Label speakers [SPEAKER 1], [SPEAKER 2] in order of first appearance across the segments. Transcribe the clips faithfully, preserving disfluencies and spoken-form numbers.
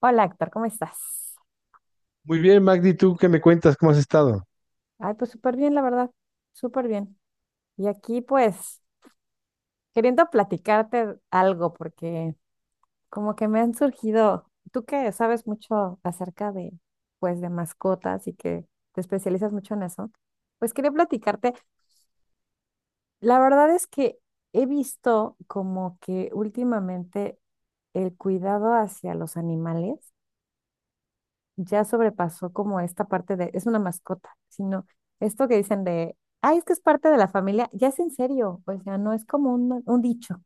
[SPEAKER 1] Hola, Héctor, ¿cómo estás?
[SPEAKER 2] Muy bien, Magdi, ¿tú qué me cuentas? ¿Cómo has estado?
[SPEAKER 1] Ay, pues súper bien, la verdad, súper bien. Y aquí, pues, queriendo platicarte algo, porque como que me han surgido, tú que sabes mucho acerca de, pues, de mascotas y que te especializas mucho en eso, pues quería platicarte. La verdad es que he visto como que últimamente el cuidado hacia los animales ya sobrepasó como esta parte de, es una mascota, sino esto que dicen de, ay, es que es parte de la familia, ya es en serio, o sea, no es como un, un dicho,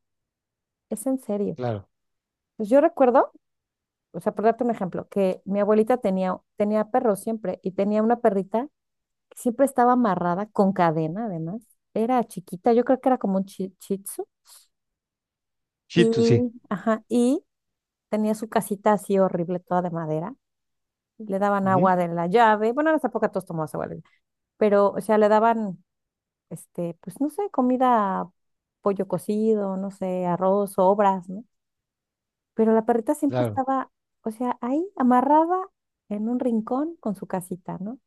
[SPEAKER 1] es en serio.
[SPEAKER 2] Claro,
[SPEAKER 1] Pues yo recuerdo, o sea, por darte un ejemplo, que mi abuelita tenía, tenía perros siempre y tenía una perrita que siempre estaba amarrada con cadena, además, era chiquita, yo creo que era como un chi- shih tzu,
[SPEAKER 2] Chito, sí.
[SPEAKER 1] y, ajá, y tenía su casita así horrible, toda de madera. Le daban
[SPEAKER 2] Ujú,
[SPEAKER 1] agua de la llave. Bueno, en esa época todos tomaban agua, de la pero, o sea, le daban este, pues no sé, comida, pollo cocido, no sé, arroz, obras, ¿no? Pero la perrita siempre
[SPEAKER 2] claro.
[SPEAKER 1] estaba, o sea, ahí amarrada en un rincón con su casita, ¿no?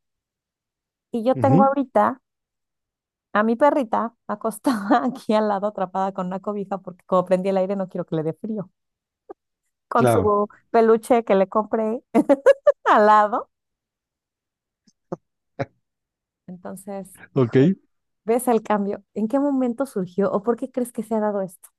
[SPEAKER 1] Y yo tengo
[SPEAKER 2] Ujú,
[SPEAKER 1] ahorita a mi perrita acostada aquí al lado, atrapada con una cobija, porque como prendí el aire no quiero que le dé frío, con
[SPEAKER 2] claro.
[SPEAKER 1] su peluche que le compré al lado. Entonces,
[SPEAKER 2] Ok.
[SPEAKER 1] hijo, ¿ves el cambio? ¿En qué momento surgió o por qué crees que se ha dado esto?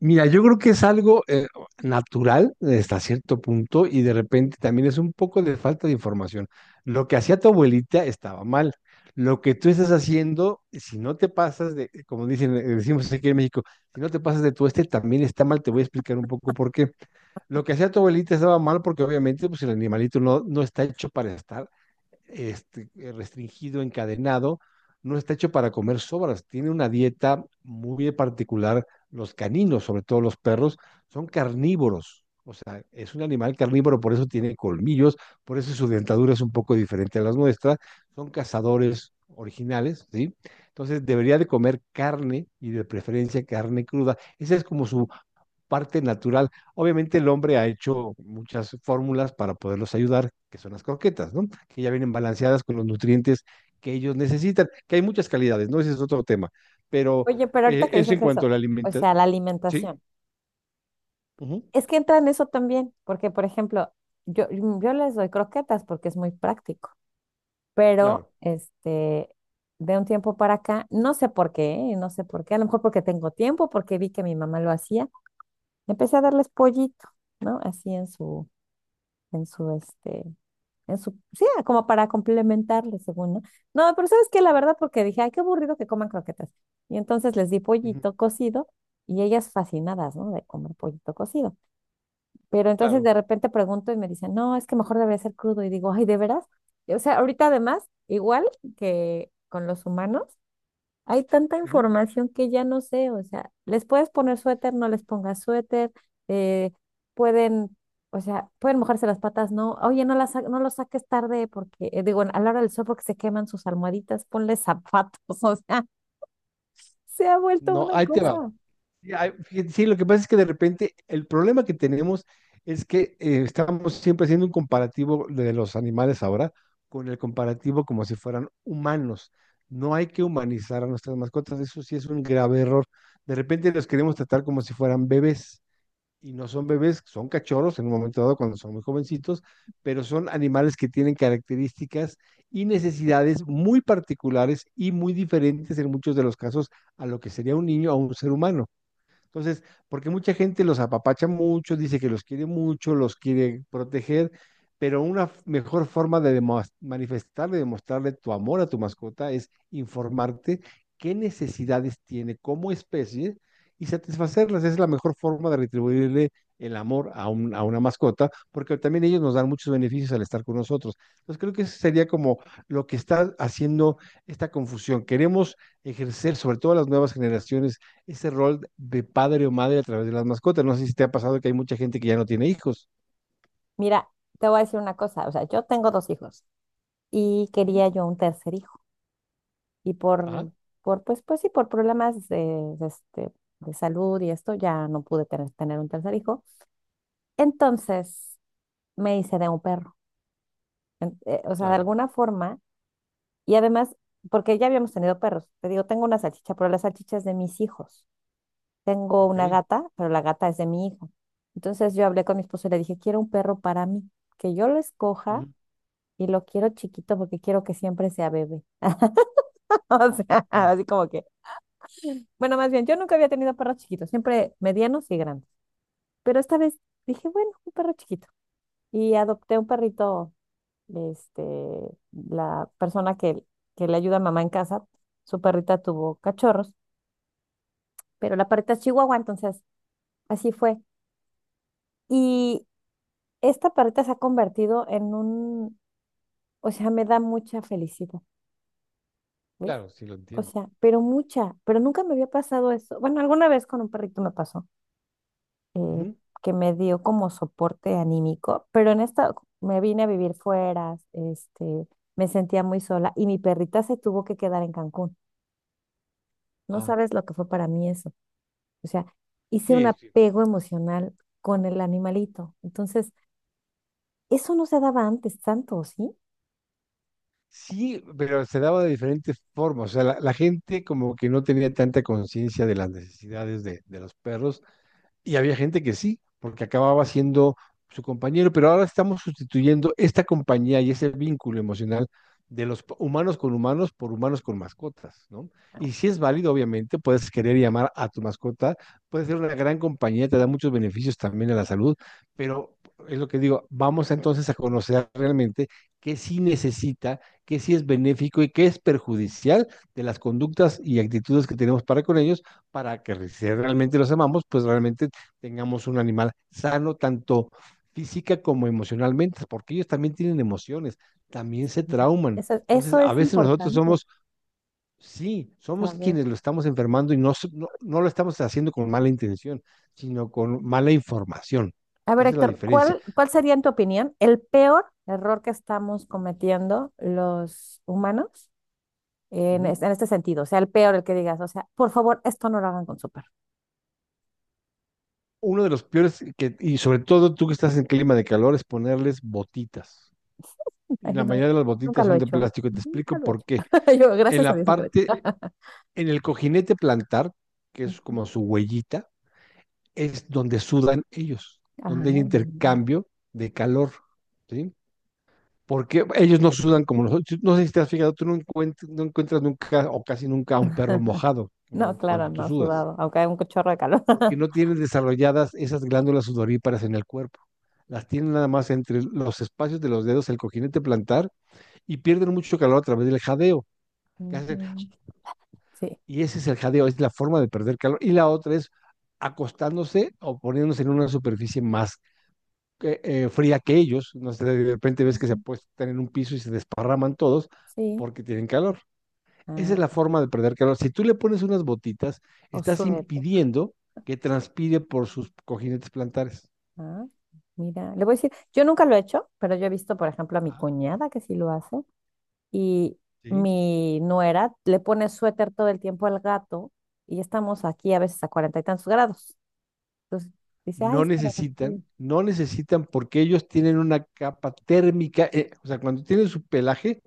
[SPEAKER 2] Mira, yo creo que es algo eh, natural, eh, hasta cierto punto y de repente también es un poco de falta de información. Lo que hacía tu abuelita estaba mal. Lo que tú estás haciendo, si no te pasas de, como dicen, eh, decimos aquí en México, si no te pasas de tu este también está mal. Te voy a explicar un poco por qué. Lo que hacía tu abuelita estaba mal porque obviamente pues, el animalito no, no está hecho para estar este, eh, restringido, encadenado, no está hecho para comer sobras, tiene una dieta muy particular. Los caninos, sobre todo los perros, son carnívoros, o sea, es un animal carnívoro, por eso tiene colmillos, por eso su dentadura es un poco diferente a las nuestras, son cazadores originales, ¿sí? Entonces debería de comer carne y de preferencia carne cruda. Esa es como su parte natural. Obviamente el hombre ha hecho muchas fórmulas para poderlos ayudar, que son las croquetas, ¿no? Que ya vienen balanceadas con los nutrientes que ellos necesitan, que hay muchas calidades, ¿no? Ese es otro tema. Pero
[SPEAKER 1] Oye, pero ahorita
[SPEAKER 2] eh,
[SPEAKER 1] que Eh,
[SPEAKER 2] eso en
[SPEAKER 1] dices
[SPEAKER 2] cuanto
[SPEAKER 1] eso,
[SPEAKER 2] a la
[SPEAKER 1] o
[SPEAKER 2] alimentación.
[SPEAKER 1] sea, la
[SPEAKER 2] Sí,
[SPEAKER 1] alimentación.
[SPEAKER 2] ujú,
[SPEAKER 1] Es que entra en eso también, porque por ejemplo, yo, yo les doy croquetas porque es muy práctico, pero
[SPEAKER 2] claro,
[SPEAKER 1] este, de un tiempo para acá, no sé por qué, ¿eh? No sé por qué, a lo mejor porque tengo tiempo, porque vi que mi mamá lo hacía, empecé a darles pollito, ¿no? Así en su, en su, este, en su, sí, como para complementarle, según, ¿no? No, pero ¿sabes qué? La verdad, porque dije, ay, qué aburrido que coman croquetas. Y entonces les di
[SPEAKER 2] ujú,
[SPEAKER 1] pollito cocido y ellas fascinadas, ¿no? De comer pollito cocido. Pero entonces
[SPEAKER 2] claro.
[SPEAKER 1] de repente pregunto y me dicen, no, es que mejor debería ser crudo. Y digo, ay, ¿de veras? Y, o sea, ahorita además, igual que con los humanos, hay tanta
[SPEAKER 2] Ujú.
[SPEAKER 1] información que ya no sé. O sea, les puedes poner suéter, no les pongas suéter. eh, pueden, o sea, pueden mojarse las patas, no. Oye, no, las, sa- no los saques tarde porque, eh, digo, a la hora del sol porque se queman sus almohaditas, ponle zapatos. O sea, se ha vuelto
[SPEAKER 2] No,
[SPEAKER 1] una
[SPEAKER 2] ahí te va.
[SPEAKER 1] cosa.
[SPEAKER 2] Sí, hay- fíjate, sí, lo que pasa es que de repente el problema que tenemos es que eh, estamos siempre haciendo un comparativo de los animales ahora con el comparativo como si fueran humanos. No hay que humanizar a nuestras mascotas, eso sí es un grave error. De repente los queremos tratar como si fueran bebés y no son bebés, son cachorros en un momento dado cuando son muy jovencitos, pero son animales que tienen características y necesidades muy particulares y muy diferentes en muchos de los casos a lo que sería un niño o un ser humano. Entonces, porque mucha gente los apapacha mucho, dice que los quiere mucho, los quiere proteger, pero una f- mejor forma de demo- manifestar, de demostrarle tu amor a tu mascota es informarte qué necesidades tiene como especie y satisfacerlas. Esa es la mejor forma de retribuirle el amor a, un- a una mascota, porque también ellos nos dan muchos beneficios al estar con nosotros. Entonces, creo que eso sería como lo que está haciendo esta confusión. Queremos ejercer, sobre todo las nuevas generaciones, ese rol de padre o madre a través de las mascotas. No sé si te ha pasado que hay mucha gente que ya no tiene hijos.
[SPEAKER 1] Mira, te voy a decir una cosa. O sea, yo tengo dos hijos y
[SPEAKER 2] Ujú,
[SPEAKER 1] quería yo un tercer hijo. Y
[SPEAKER 2] ajá,
[SPEAKER 1] por, por pues, pues sí, por problemas de, de este, de salud y esto, ya no pude tener, tener un tercer hijo. Entonces me hice de un perro, En- eh, o sea, de
[SPEAKER 2] claro,
[SPEAKER 1] alguna forma, y además, porque ya habíamos tenido perros, te digo, tengo una salchicha, pero la salchicha es de mis hijos. Tengo una
[SPEAKER 2] ok.
[SPEAKER 1] gata, pero la gata es de mi hijo. Entonces yo hablé con mi esposo y le dije, quiero un perro para mí, que yo lo escoja
[SPEAKER 2] Ujú,
[SPEAKER 1] y lo quiero chiquito porque quiero que siempre sea bebé. O sea,
[SPEAKER 2] ujú.
[SPEAKER 1] así como que bueno, más bien, yo nunca había tenido perros chiquitos, siempre medianos y grandes. Pero esta vez dije, bueno, un perro chiquito. Y adopté un perrito, este, la persona que, que le ayuda a mamá en casa, su perrita tuvo cachorros, pero la perrita es chihuahua, entonces así fue. Y esta perrita se ha convertido en un, o sea, me da mucha felicidad, ¿ves?
[SPEAKER 2] Claro, sí lo
[SPEAKER 1] O
[SPEAKER 2] entiendo.
[SPEAKER 1] sea, pero mucha, pero nunca me había pasado eso. Bueno, alguna vez con un perrito me pasó eh,
[SPEAKER 2] Ujú.
[SPEAKER 1] que me dio como soporte anímico, pero en esta me vine a vivir fuera, este, me sentía muy sola y mi perrita se tuvo que quedar en Cancún. No
[SPEAKER 2] Ah,
[SPEAKER 1] sabes lo que fue para mí eso. O sea, hice un
[SPEAKER 2] sí, sí.
[SPEAKER 1] apego emocional con el animalito. Entonces, eso no se daba antes tanto, ¿sí?
[SPEAKER 2] Sí, pero se daba de diferentes formas. O sea, la, la gente como que no tenía tanta conciencia de las necesidades de, de los perros. Y había gente que sí, porque acababa siendo su compañero, pero ahora estamos sustituyendo esta compañía y ese vínculo emocional de los p- humanos con humanos por humanos con mascotas, ¿no? Y si es válido, obviamente, puedes querer y amar a tu mascota, puede ser una gran compañía, te da muchos beneficios también a la salud, pero es lo que digo, vamos entonces a conocer realmente qué sí necesita, qué sí es benéfico y qué es perjudicial de las conductas y actitudes que tenemos para con ellos, para que si realmente los amamos, pues realmente tengamos un animal sano, tanto física como emocionalmente, porque ellos también tienen emociones, también se trauman.
[SPEAKER 1] Eso,
[SPEAKER 2] Entonces,
[SPEAKER 1] eso
[SPEAKER 2] a
[SPEAKER 1] es
[SPEAKER 2] veces nosotros
[SPEAKER 1] importante
[SPEAKER 2] somos, sí, somos
[SPEAKER 1] saber.
[SPEAKER 2] quienes lo estamos enfermando y no, s- no, no lo estamos haciendo con mala intención, sino con mala información,
[SPEAKER 1] A
[SPEAKER 2] que
[SPEAKER 1] ver,
[SPEAKER 2] esa es la
[SPEAKER 1] Héctor,
[SPEAKER 2] diferencia.
[SPEAKER 1] ¿cuál, cuál sería en tu opinión el peor error que estamos cometiendo los humanos en,
[SPEAKER 2] Ujú.
[SPEAKER 1] es- en este sentido? O sea, el peor, el que digas, o sea, por favor, esto no lo hagan con su perro.
[SPEAKER 2] Uno de los peores, que, y sobre todo tú que estás en clima de calor, es ponerles botitas. Y
[SPEAKER 1] Ay,
[SPEAKER 2] la
[SPEAKER 1] no,
[SPEAKER 2] mayoría de las
[SPEAKER 1] nunca
[SPEAKER 2] botitas
[SPEAKER 1] lo he
[SPEAKER 2] son de
[SPEAKER 1] hecho, ¿eh?
[SPEAKER 2] plástico, y te explico
[SPEAKER 1] Nunca lo he
[SPEAKER 2] por
[SPEAKER 1] hecho.
[SPEAKER 2] qué.
[SPEAKER 1] Yo,
[SPEAKER 2] En
[SPEAKER 1] gracias a
[SPEAKER 2] la
[SPEAKER 1] Dios, nunca lo
[SPEAKER 2] parte,
[SPEAKER 1] he hecho.
[SPEAKER 2] en el cojinete plantar, que es como su huellita, es donde sudan ellos,
[SPEAKER 1] Ah,
[SPEAKER 2] donde hay
[SPEAKER 1] mira.
[SPEAKER 2] intercambio de calor, ¿sí? Porque ellos no sudan como nosotros. No sé si te has fijado, tú no encuentras, no encuentras nunca o casi nunca a un perro mojado,
[SPEAKER 1] No,
[SPEAKER 2] como
[SPEAKER 1] claro,
[SPEAKER 2] cuando tú
[SPEAKER 1] no,
[SPEAKER 2] sudas,
[SPEAKER 1] sudado, aunque hay un chorro de calor.
[SPEAKER 2] porque no tienen desarrolladas esas glándulas sudoríparas en el cuerpo. Las tienen nada más entre los espacios de los dedos, el cojinete plantar, y pierden mucho calor a través del jadeo. Que hacen.
[SPEAKER 1] Ujú. Sí.
[SPEAKER 2] Y ese es el jadeo, es la forma de perder calor. Y la otra es acostándose o poniéndose en una superficie más que, eh, fría que ellos. No sé, de repente ves que se
[SPEAKER 1] Ujú,
[SPEAKER 2] apuestan en un piso y se desparraman todos
[SPEAKER 1] sí.
[SPEAKER 2] porque tienen calor. Esa es
[SPEAKER 1] Ah,
[SPEAKER 2] la
[SPEAKER 1] ah,
[SPEAKER 2] forma de perder calor. Si tú le pones unas botitas,
[SPEAKER 1] o
[SPEAKER 2] estás
[SPEAKER 1] suerte.
[SPEAKER 2] impidiendo que transpire por sus cojinetes plantares.
[SPEAKER 1] Ah, mira, le voy a decir, yo nunca lo he hecho, pero yo he visto, por ejemplo, a mi
[SPEAKER 2] Ajá.
[SPEAKER 1] cuñada que sí lo hace. Y
[SPEAKER 2] ¿Sí?
[SPEAKER 1] mi nuera le pone suéter todo el tiempo al gato y estamos aquí a veces a cuarenta y tantos grados. Entonces dice, ay,
[SPEAKER 2] no
[SPEAKER 1] es que me da frío.
[SPEAKER 2] necesitan, no necesitan porque ellos tienen una capa térmica, eh, o sea, cuando tienen su pelaje,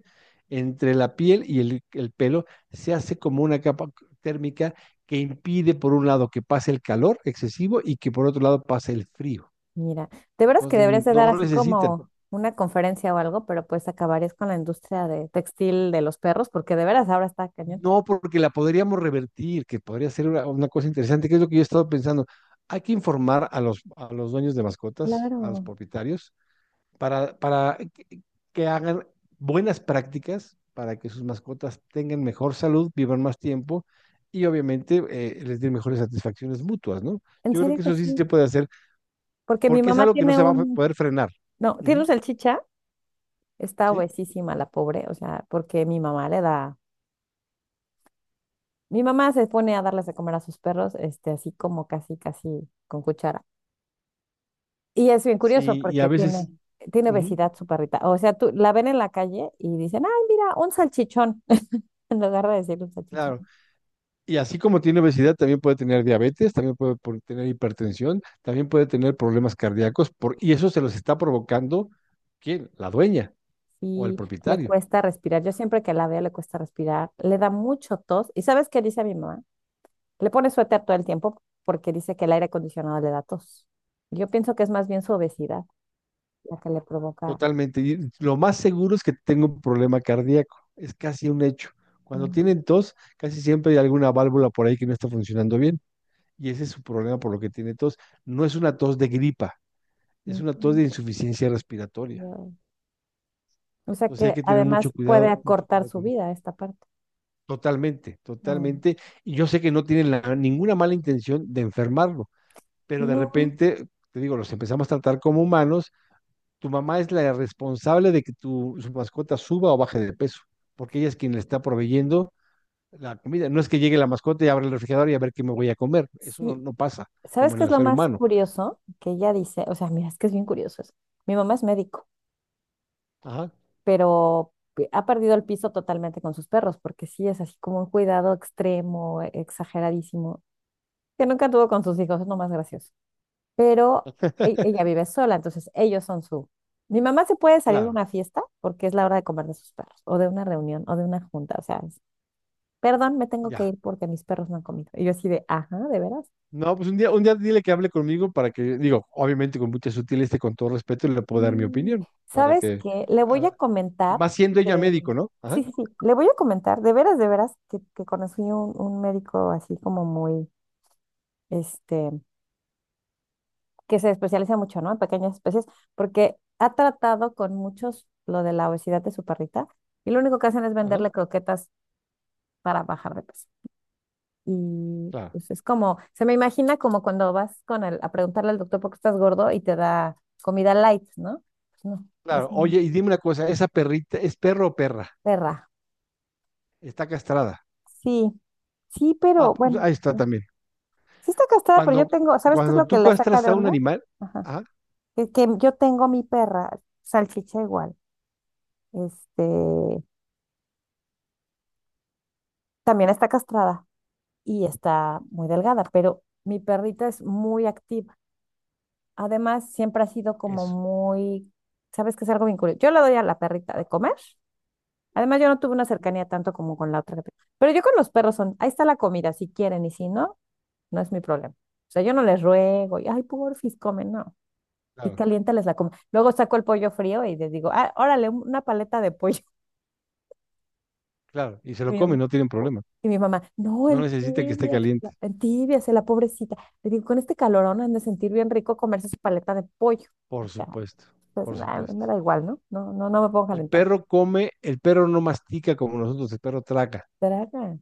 [SPEAKER 2] entre la piel y el, el pelo se hace como una capa térmica que impide, por un lado, que pase el calor excesivo y que por otro lado pase el frío.
[SPEAKER 1] Mira, de veras que
[SPEAKER 2] Entonces,
[SPEAKER 1] deberías de dar
[SPEAKER 2] no
[SPEAKER 1] así
[SPEAKER 2] necesitan.
[SPEAKER 1] como una conferencia o algo, pero pues acabarías con la industria de textil de los perros, porque de veras ahora está cañón.
[SPEAKER 2] No porque la podríamos revertir, que podría ser una, una cosa interesante, que es lo que yo he estado pensando. Hay que informar a los, a los dueños de mascotas, a los
[SPEAKER 1] Claro,
[SPEAKER 2] propietarios, para, para que- que hagan buenas prácticas para que sus mascotas tengan mejor salud, vivan más tiempo y obviamente eh, les den mejores satisfacciones mutuas, ¿no?
[SPEAKER 1] en
[SPEAKER 2] Yo creo
[SPEAKER 1] serio
[SPEAKER 2] que
[SPEAKER 1] que
[SPEAKER 2] eso sí se
[SPEAKER 1] sí,
[SPEAKER 2] puede hacer
[SPEAKER 1] porque mi
[SPEAKER 2] porque es
[SPEAKER 1] mamá
[SPEAKER 2] algo que no
[SPEAKER 1] tiene
[SPEAKER 2] se va a fe-
[SPEAKER 1] un,
[SPEAKER 2] poder frenar.
[SPEAKER 1] no, tiene un
[SPEAKER 2] Ujú,
[SPEAKER 1] salchicha, está
[SPEAKER 2] ¿sí?
[SPEAKER 1] obesísima la pobre, o sea, porque mi mamá le da. Mi mamá se pone a darles de comer a sus perros, este, así como casi, casi con cuchara. Y es bien curioso
[SPEAKER 2] Sí, y a
[SPEAKER 1] porque qué tiene,
[SPEAKER 2] veces,
[SPEAKER 1] bueno. Tiene
[SPEAKER 2] ujú,
[SPEAKER 1] obesidad su perrita. O sea, tú la ven en la calle y dicen, ay, mira, un salchichón, en lugar de decir un salchichón.
[SPEAKER 2] claro, y así como tiene obesidad, también puede tener diabetes, también puede por- tener hipertensión, también puede tener problemas cardíacos por, y eso se los está provocando, ¿quién? La dueña o el
[SPEAKER 1] Y le
[SPEAKER 2] propietario.
[SPEAKER 1] cuesta respirar. Yo siempre que la veo le cuesta respirar, le da mucho tos. ¿Y sabes qué dice mi mamá? Le pone suéter todo el tiempo porque dice que el aire acondicionado le da tos. Yo pienso que es más bien su obesidad la que le provoca.
[SPEAKER 2] Totalmente. Y lo más seguro es que tengo un problema cardíaco. Es casi un hecho. Cuando
[SPEAKER 1] Mm,
[SPEAKER 2] tienen tos, casi siempre hay alguna válvula por ahí que no está funcionando bien. Y ese es su problema por lo que tiene tos. No es una tos de gripa, es
[SPEAKER 1] mm,
[SPEAKER 2] una tos
[SPEAKER 1] mm,
[SPEAKER 2] de insuficiencia respiratoria.
[SPEAKER 1] yo- o sea
[SPEAKER 2] Entonces hay
[SPEAKER 1] que
[SPEAKER 2] que tener
[SPEAKER 1] además
[SPEAKER 2] mucho
[SPEAKER 1] puede
[SPEAKER 2] cuidado, mucho
[SPEAKER 1] acortar
[SPEAKER 2] cuidado
[SPEAKER 1] su
[SPEAKER 2] con eso.
[SPEAKER 1] vida esta parte.
[SPEAKER 2] Totalmente,
[SPEAKER 1] Mm.
[SPEAKER 2] totalmente. Y yo sé que no tienen la- ninguna mala intención de enfermarlo, pero de
[SPEAKER 1] No,
[SPEAKER 2] repente, te digo, los empezamos a tratar como humanos. Tu, mamá es la responsable de que tu, su mascota suba o baje de peso, porque ella es quien le está proveyendo la comida. No es que llegue la mascota y abra el refrigerador y a ver qué me voy a comer. Eso no,
[SPEAKER 1] sí.
[SPEAKER 2] no pasa,
[SPEAKER 1] ¿Sabes
[SPEAKER 2] como en
[SPEAKER 1] qué es
[SPEAKER 2] el
[SPEAKER 1] lo
[SPEAKER 2] ser
[SPEAKER 1] más
[SPEAKER 2] humano.
[SPEAKER 1] curioso? Que ella dice, o sea, mira, es que es bien curioso eso. Mi mamá es médico,
[SPEAKER 2] Ajá.
[SPEAKER 1] pero pe- ha perdido el piso totalmente con sus perros, porque sí es así como un cuidado extremo, e- exageradísimo, que nunca tuvo con sus hijos, es lo más gracioso. Pero e- ella vive sola, entonces ellos son su... Mi mamá se puede salir de
[SPEAKER 2] Claro,
[SPEAKER 1] una fiesta porque es la hora de comer de sus perros, o de una reunión, o de una junta, o sea, perdón, me tengo que
[SPEAKER 2] ya.
[SPEAKER 1] ir porque mis perros no han comido. Y yo así de, ajá, ¿de veras?
[SPEAKER 2] No, pues un día, un día dile que hable conmigo para que, digo, obviamente con mucha sutileza y con todo respeto le puedo dar mi
[SPEAKER 1] Y,
[SPEAKER 2] opinión, para
[SPEAKER 1] ¿sabes
[SPEAKER 2] que,
[SPEAKER 1] qué? Le
[SPEAKER 2] a
[SPEAKER 1] voy a
[SPEAKER 2] la- y
[SPEAKER 1] comentar
[SPEAKER 2] más siendo ella
[SPEAKER 1] que,
[SPEAKER 2] médico, ¿no? Ajá,
[SPEAKER 1] sí, sí, sí, le voy a comentar, de veras, de veras, que, que conocí un, un médico así como muy, este, que se especializa mucho, ¿no? En pequeñas especies, porque ha tratado con muchos lo de la obesidad de su perrita y lo único que hacen es
[SPEAKER 2] ajá,
[SPEAKER 1] venderle croquetas para bajar de peso. Y
[SPEAKER 2] claro,
[SPEAKER 1] pues, es como, se me imagina como cuando vas con el, a preguntarle al doctor por qué estás gordo y te da comida light, ¿no? Pues no, es
[SPEAKER 2] claro.
[SPEAKER 1] una
[SPEAKER 2] Oye, y dime una cosa, ¿esa perrita es perro o perra?
[SPEAKER 1] perra.
[SPEAKER 2] Está castrada.
[SPEAKER 1] Sí, sí,
[SPEAKER 2] Ah,
[SPEAKER 1] pero
[SPEAKER 2] pues
[SPEAKER 1] bueno,
[SPEAKER 2] ahí está
[SPEAKER 1] eh,
[SPEAKER 2] también.
[SPEAKER 1] sí está casada, pero yo
[SPEAKER 2] Cuando,
[SPEAKER 1] tengo, ¿sabes qué es
[SPEAKER 2] cuando
[SPEAKER 1] lo que
[SPEAKER 2] tú
[SPEAKER 1] la saca
[SPEAKER 2] castras
[SPEAKER 1] de
[SPEAKER 2] a un
[SPEAKER 1] onda?
[SPEAKER 2] animal,
[SPEAKER 1] Ajá.
[SPEAKER 2] ah,
[SPEAKER 1] Que, que yo tengo mi perra, salchicha igual, este, también está castrada y está muy delgada, pero mi perrita es muy activa. Además, siempre ha sido como
[SPEAKER 2] eso,
[SPEAKER 1] muy, sabes que es algo bien curioso. Yo le doy a la perrita de comer. Además, yo no tuve una cercanía tanto como con la otra. que te- Pero yo con los perros son, ahí está la comida, si quieren, y si no, no es mi problema. O sea, yo no les ruego, y ay, porfis, comen, no. Y
[SPEAKER 2] claro,
[SPEAKER 1] caliéntales la comida. Luego saco el pollo frío y les digo, ah, órale, un- una paleta de pollo.
[SPEAKER 2] claro, y se
[SPEAKER 1] Y
[SPEAKER 2] lo
[SPEAKER 1] mi,
[SPEAKER 2] come, no tienen problema.
[SPEAKER 1] y mi mamá, no,
[SPEAKER 2] No
[SPEAKER 1] en
[SPEAKER 2] necesita que esté
[SPEAKER 1] tibias,
[SPEAKER 2] caliente,
[SPEAKER 1] en tibias, la pobrecita. Le digo, con este calorón han de sentir bien rico comerse su paleta de pollo.
[SPEAKER 2] por supuesto,
[SPEAKER 1] Pues
[SPEAKER 2] por
[SPEAKER 1] nah, a mí
[SPEAKER 2] supuesto.
[SPEAKER 1] me da igual, ¿no? No, no, no me puedo
[SPEAKER 2] El
[SPEAKER 1] calentar.
[SPEAKER 2] perro come, el perro no mastica como nosotros, el perro traga.
[SPEAKER 1] Draga,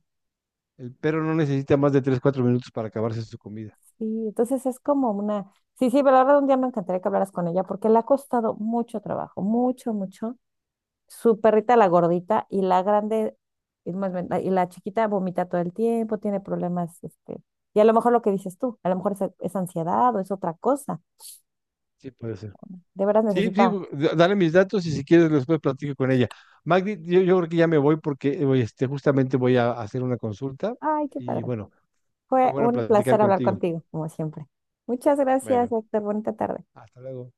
[SPEAKER 2] El perro no necesita más de tres cuatro minutos para acabarse su comida.
[SPEAKER 1] sí, entonces es como una... Sí, sí, pero la verdad un día me encantaría que hablaras con ella porque le ha costado mucho trabajo, mucho, mucho. Su perrita, la gordita, y la grande, y, más bien, la y la chiquita vomita todo el tiempo, tiene problemas, este... Y a lo mejor lo que dices tú, a lo mejor es, es ansiedad o es otra cosa.
[SPEAKER 2] Sí, puede ser.
[SPEAKER 1] De veras
[SPEAKER 2] Sí, sí,
[SPEAKER 1] necesita...
[SPEAKER 2] bu- da- dale mis datos y si quieres después platico con ella. Magdi, yo, yo creo que ya me voy porque eh, voy, este, justamente voy a hacer una consulta
[SPEAKER 1] Ay, qué
[SPEAKER 2] y
[SPEAKER 1] padre.
[SPEAKER 2] bueno, fue
[SPEAKER 1] Fue
[SPEAKER 2] bueno
[SPEAKER 1] un
[SPEAKER 2] platicar
[SPEAKER 1] placer hablar
[SPEAKER 2] contigo.
[SPEAKER 1] contigo, como siempre. Muchas gracias,
[SPEAKER 2] Bueno,
[SPEAKER 1] Héctor. Bonita tarde.
[SPEAKER 2] hasta luego.